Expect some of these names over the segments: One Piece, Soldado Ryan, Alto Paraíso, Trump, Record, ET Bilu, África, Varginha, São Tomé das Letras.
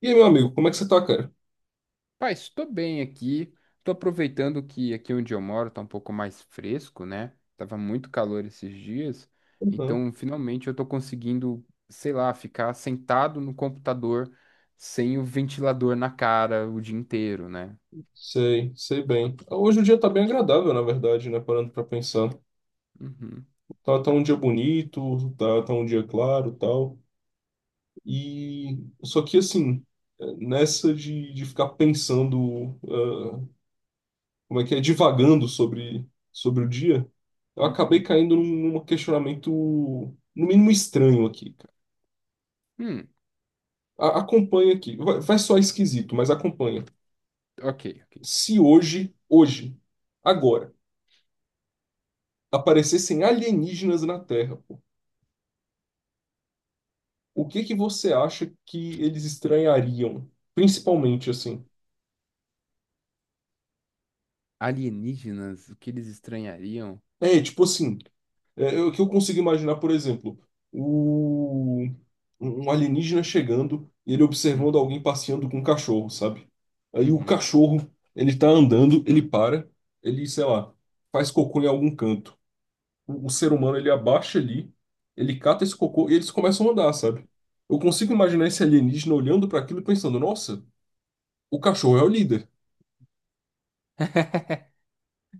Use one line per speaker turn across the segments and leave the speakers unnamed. E aí, meu amigo, como é que você tá, cara?
Pai, estou bem aqui. Estou aproveitando que aqui onde eu moro está um pouco mais fresco, né? Tava muito calor esses dias.
Uhum.
Então, finalmente eu estou conseguindo, sei lá, ficar sentado no computador sem o ventilador na cara o dia inteiro, né?
Sei, sei bem. Hoje o dia tá bem agradável, na verdade, né? Parando pra pensar.
Uhum,
Tá, tá um dia bonito, tá, tá um dia claro, tal. E só que assim, nessa de ficar pensando, como é que é, divagando sobre, sobre o dia, eu acabei
uhum.
caindo num questionamento, no mínimo estranho aqui, cara.
Hum,
Acompanha aqui. Vai, vai soar esquisito, mas acompanha.
ok, ok.
Se hoje, hoje, agora aparecessem alienígenas na Terra, pô, o que que você acha que eles estranhariam? Principalmente assim.
Alienígenas, o que eles estranhariam?
Tipo assim, o que eu consigo imaginar, por exemplo, o, um alienígena chegando e ele observando
Uhum,
alguém passeando com um cachorro, sabe? Aí o
uhum.
cachorro, ele tá andando, ele para, ele, sei lá, faz cocô em algum canto. O ser humano, ele abaixa ali, ele cata esse cocô e eles começam a andar, sabe? Eu consigo imaginar esse alienígena olhando para aquilo e pensando, nossa, o cachorro é o líder,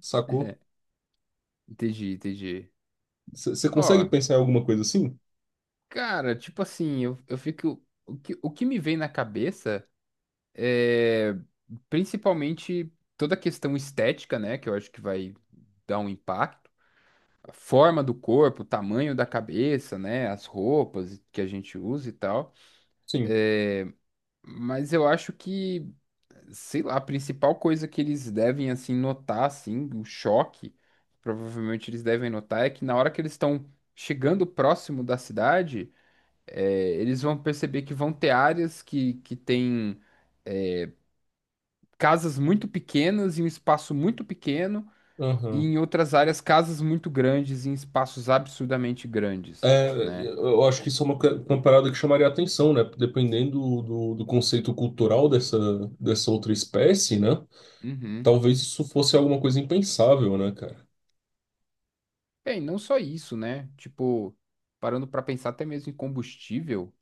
sacou?
Entendi, entendi.
Você consegue
Ó,
pensar em alguma coisa assim?
cara, tipo assim, eu fico. O que me vem na cabeça. É, principalmente toda a questão estética, né? Que eu acho que vai dar um impacto. A forma do corpo, o tamanho da cabeça, né? As roupas que a gente usa e tal.
Sim.
É, mas eu acho que, sei lá, a principal coisa que eles devem, assim, notar, assim, o choque, provavelmente eles devem notar, é que na hora que eles estão chegando próximo da cidade, é, eles vão perceber que vão ter áreas que têm casas muito pequenas em um espaço muito pequeno, e
Aham.
em outras áreas, casas muito grandes em espaços absurdamente grandes,
É,
né?
eu acho que isso é uma, uma parada que chamaria atenção, né? Dependendo do, do conceito cultural dessa, dessa outra espécie, né?
Uhum.
Talvez isso fosse alguma coisa impensável, né, cara?
Bem, não só isso, né? Tipo, parando para pensar até mesmo em combustível,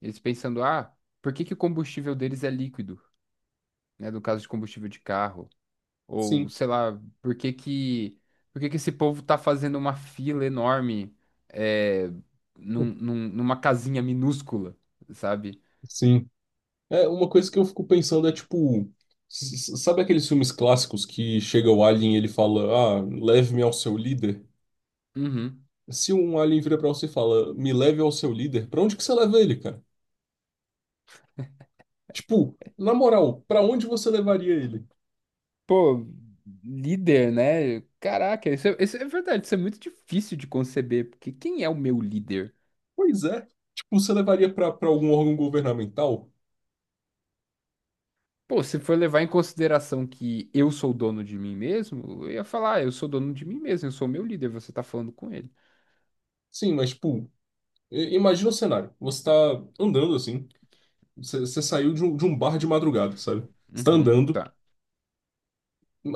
eles pensando, ah, por que que o combustível deles é líquido, né? No caso de combustível de carro, ou
Sim,
sei lá, por que que esse povo tá fazendo uma fila enorme, é, numa casinha minúscula, sabe?
sim. É, uma coisa que eu fico pensando é tipo. Sabe aqueles filmes clássicos que chega o alien e ele fala: Ah, leve-me ao seu líder?
Uhum.
Se um alien vira pra você e fala: Me leve ao seu líder, pra onde que você leva ele, cara? Tipo, na moral, pra onde você levaria ele?
Pô, líder, né? Caraca, isso é verdade, isso é muito difícil de conceber, porque quem é o meu líder?
Pois é. Tipo, você levaria pra algum órgão governamental?
Pô, se for levar em consideração que eu sou dono de mim mesmo, eu ia falar, "Ah, eu sou dono de mim mesmo, eu sou meu líder, você tá falando com ele."
Sim, mas, tipo, imagina o cenário. Você tá andando assim. Você saiu de um bar de madrugada, sabe? Você tá
Uhum,
andando,
tá.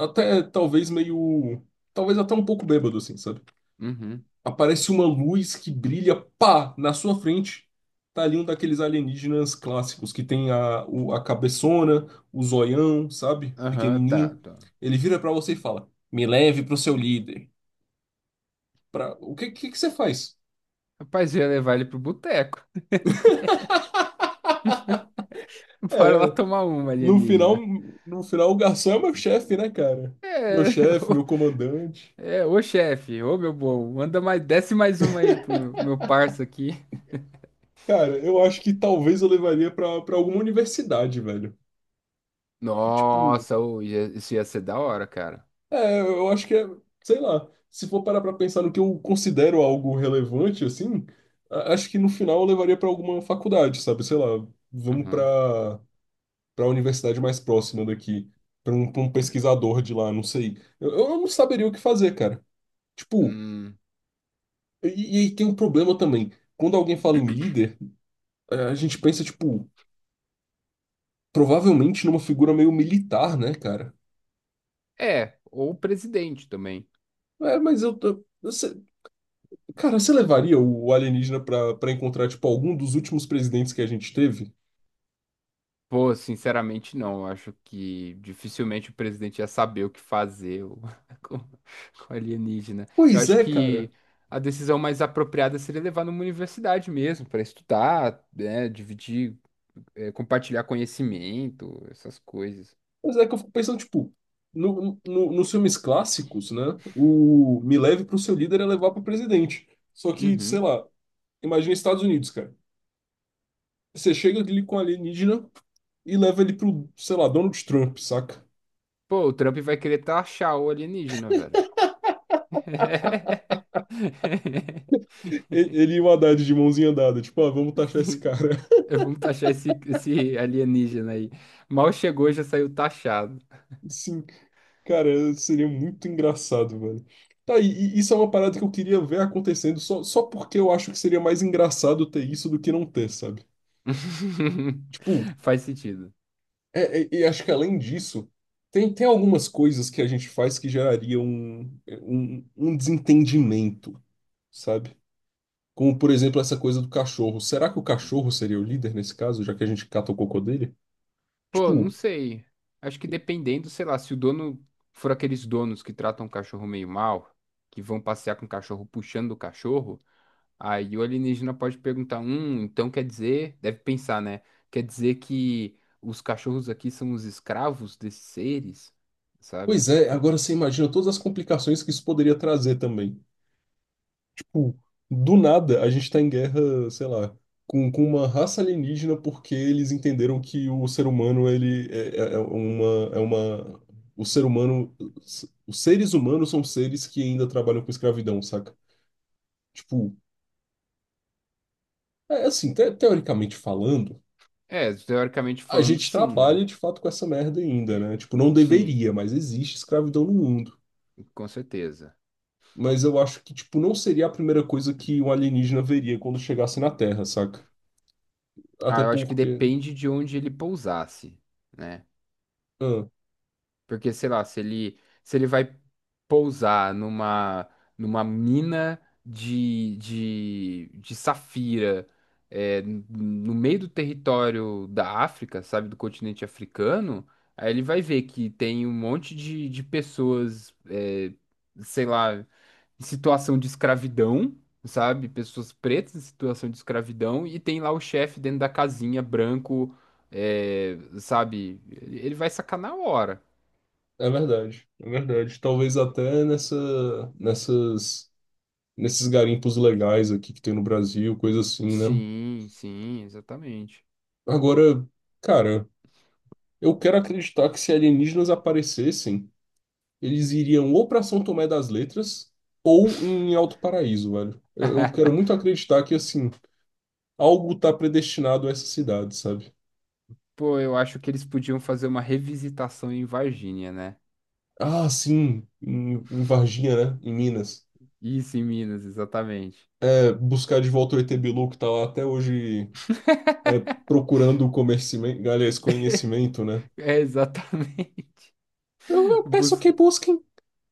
até talvez meio. Talvez até um pouco bêbado, assim, sabe?
Uhum.
Aparece uma luz que brilha, pá, na sua frente. Tá ali um daqueles alienígenas clássicos que tem a, a cabeçona, o zoião, sabe?
Aham, tá,
Pequenininho.
tá.
Ele vira pra você e fala: Me leve pro seu líder. Pra... O que você faz?
Rapaz, eu ia levar ele pro boteco. Bora lá
É,
tomar uma,
no final,
alienígena.
no final, o garçom é meu chefe, né, cara? Meu
É,
chefe, meu
ô,
comandante.
é, ô chefe, ô meu bom, manda mais, desce mais uma aí pro meu parça aqui.
Cara, eu acho que talvez eu levaria pra, pra alguma universidade, velho. Tipo,
Nossa, ô, isso ia ser da hora, cara.
é, eu acho que é, sei lá, se for parar pra pensar no que eu considero algo relevante, assim, acho que no final eu levaria pra alguma faculdade, sabe? Sei lá, vamos
Aham.
pra para universidade mais próxima daqui, pra um pesquisador de lá, não sei. Eu não saberia o que fazer, cara. Tipo,
Hum,
e, e aí tem um problema também. Quando alguém fala em líder, é, a gente pensa, tipo, provavelmente numa figura meio militar, né, cara?
é, ou o presidente também.
É, mas eu tô. Cara, você levaria o alienígena pra, pra encontrar, tipo, algum dos últimos presidentes que a gente teve?
Pô, sinceramente, não. Eu acho que dificilmente o presidente ia saber o que fazer com alienígena. Eu
Pois
acho
é, cara.
que a decisão mais apropriada seria levar numa universidade mesmo, para estudar, né, dividir, compartilhar conhecimento, essas coisas.
Pois é que eu fico pensando, tipo, no, nos filmes clássicos, né? O me leve pro seu líder é levar pro presidente. Só que, sei
Uhum.
lá, imagina Estados Unidos, cara. Você chega ali com o alienígena e leva ele pro, sei lá, Donald Trump, saca?
Pô, o Trump vai querer taxar o alienígena, velho.
Ele e o Haddad de mãozinha dada, tipo, ah, vamos taxar esse cara.
É, vamos taxar esse alienígena aí. Mal chegou, já saiu taxado.
Sim, cara, seria muito engraçado, velho. Tá, e isso é uma parada que eu queria ver acontecendo, só, só porque eu acho que seria mais engraçado ter isso do que não ter, sabe? Tipo,
Faz sentido.
é, e acho que além disso, tem, tem algumas coisas que a gente faz que gerariam um desentendimento, sabe? Como, por exemplo, essa coisa do cachorro. Será que o cachorro seria o líder nesse caso, já que a gente cata o cocô dele?
Pô, não
Tipo,
sei. Acho que dependendo, sei lá, se o dono for aqueles donos que tratam o cachorro meio mal, que vão passear com o cachorro puxando o cachorro, aí o alienígena pode perguntar: então quer dizer, deve pensar, né? Quer dizer que os cachorros aqui são os escravos desses seres,
pois
sabe?
é, agora você imagina todas as complicações que isso poderia trazer também. Tipo, do nada, a gente tá em guerra, sei lá, com uma raça alienígena porque eles entenderam que o ser humano, ele é, é uma... O ser humano... Os seres humanos são seres que ainda trabalham com escravidão, saca? Tipo, é assim, teoricamente falando,
É, teoricamente
a
falando,
gente
sim, né?
trabalha de fato com essa merda ainda, né? Tipo, não
Sim,
deveria, mas existe escravidão no mundo.
com certeza.
Mas eu acho que, tipo, não seria a primeira coisa que um alienígena veria quando chegasse na Terra, saca?
Ah,
Até
eu acho que
porque...
depende de onde ele pousasse, né?
ah,
Porque, sei lá, se ele vai pousar numa, numa mina de safira, é, no meio do território da África, sabe, do continente africano, aí ele vai ver que tem um monte de pessoas, é, sei lá, em situação de escravidão, sabe, pessoas pretas em situação de escravidão, e tem lá o chefe dentro da casinha, branco, é, sabe, ele vai sacanar a hora.
é verdade, é verdade. Talvez até nessa, nessas, nesses garimpos legais aqui que tem no Brasil, coisa assim, né?
Sim, sim, exatamente.
Agora, cara, eu quero acreditar que se alienígenas aparecessem, eles iriam ou para São Tomé das Letras ou em Alto Paraíso, velho. Eu quero muito acreditar que, assim, algo tá predestinado a essa cidade, sabe?
Pô, eu acho que eles podiam fazer uma revisitação em Varginha, né?
Ah, sim, em, em Varginha, né? Em Minas.
Isso, em Minas, exatamente.
É, buscar de volta o ET Bilu, que tá lá até hoje é, procurando o conhecimento, aliás, conhecimento, né?
É, exatamente.
Eu peço
Bus-
que busquem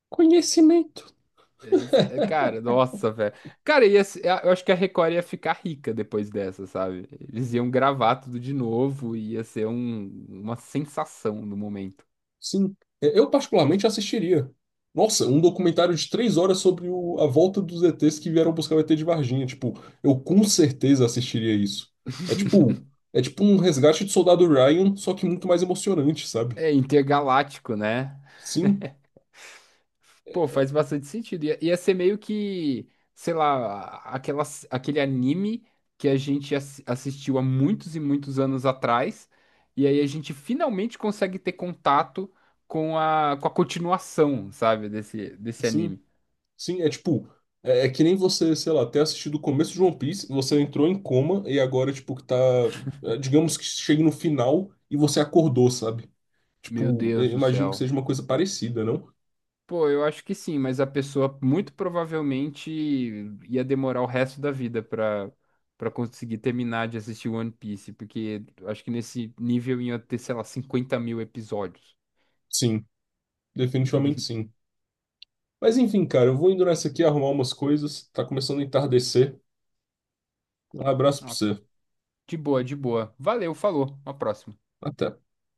conhecimento.
Cara, nossa, velho. Cara, ia, se- eu acho que a Record ia ficar rica depois dessa, sabe? Eles iam gravar tudo de novo e ia ser uma sensação no momento.
Sim, é, eu particularmente assistiria. Nossa, um documentário de 3 horas sobre a volta dos ETs que vieram buscar o ET de Varginha. Tipo, eu com certeza assistiria isso. É tipo, é tipo um resgate de Soldado Ryan, só que muito mais emocionante, sabe?
É intergaláctico, né?
Sim,
Pô, faz bastante sentido. Ia ser meio que, sei lá, aquela, aquele anime que a gente assistiu há muitos e muitos anos atrás, e aí a gente finalmente consegue ter contato com a continuação, sabe, desse, desse
sim.
anime.
Sim, é tipo, é, é que nem você, sei lá, ter assistido o começo de One Piece, você entrou em coma e agora, tipo, que tá, é, digamos que chegue no final e você acordou, sabe?
Meu
Tipo, é,
Deus do
imagino que
céu.
seja uma coisa parecida, não?
Pô, eu acho que sim, mas a pessoa muito provavelmente ia demorar o resto da vida pra, pra conseguir terminar de assistir One Piece, porque acho que nesse nível ia ter, sei lá, 50 mil episódios.
Sim, definitivamente sim. Mas enfim, cara, eu vou indo nessa aqui arrumar umas coisas, tá começando a entardecer. Um abraço pra
Ah,
você.
de boa, de boa. Valeu, falou. Uma próxima.
Até.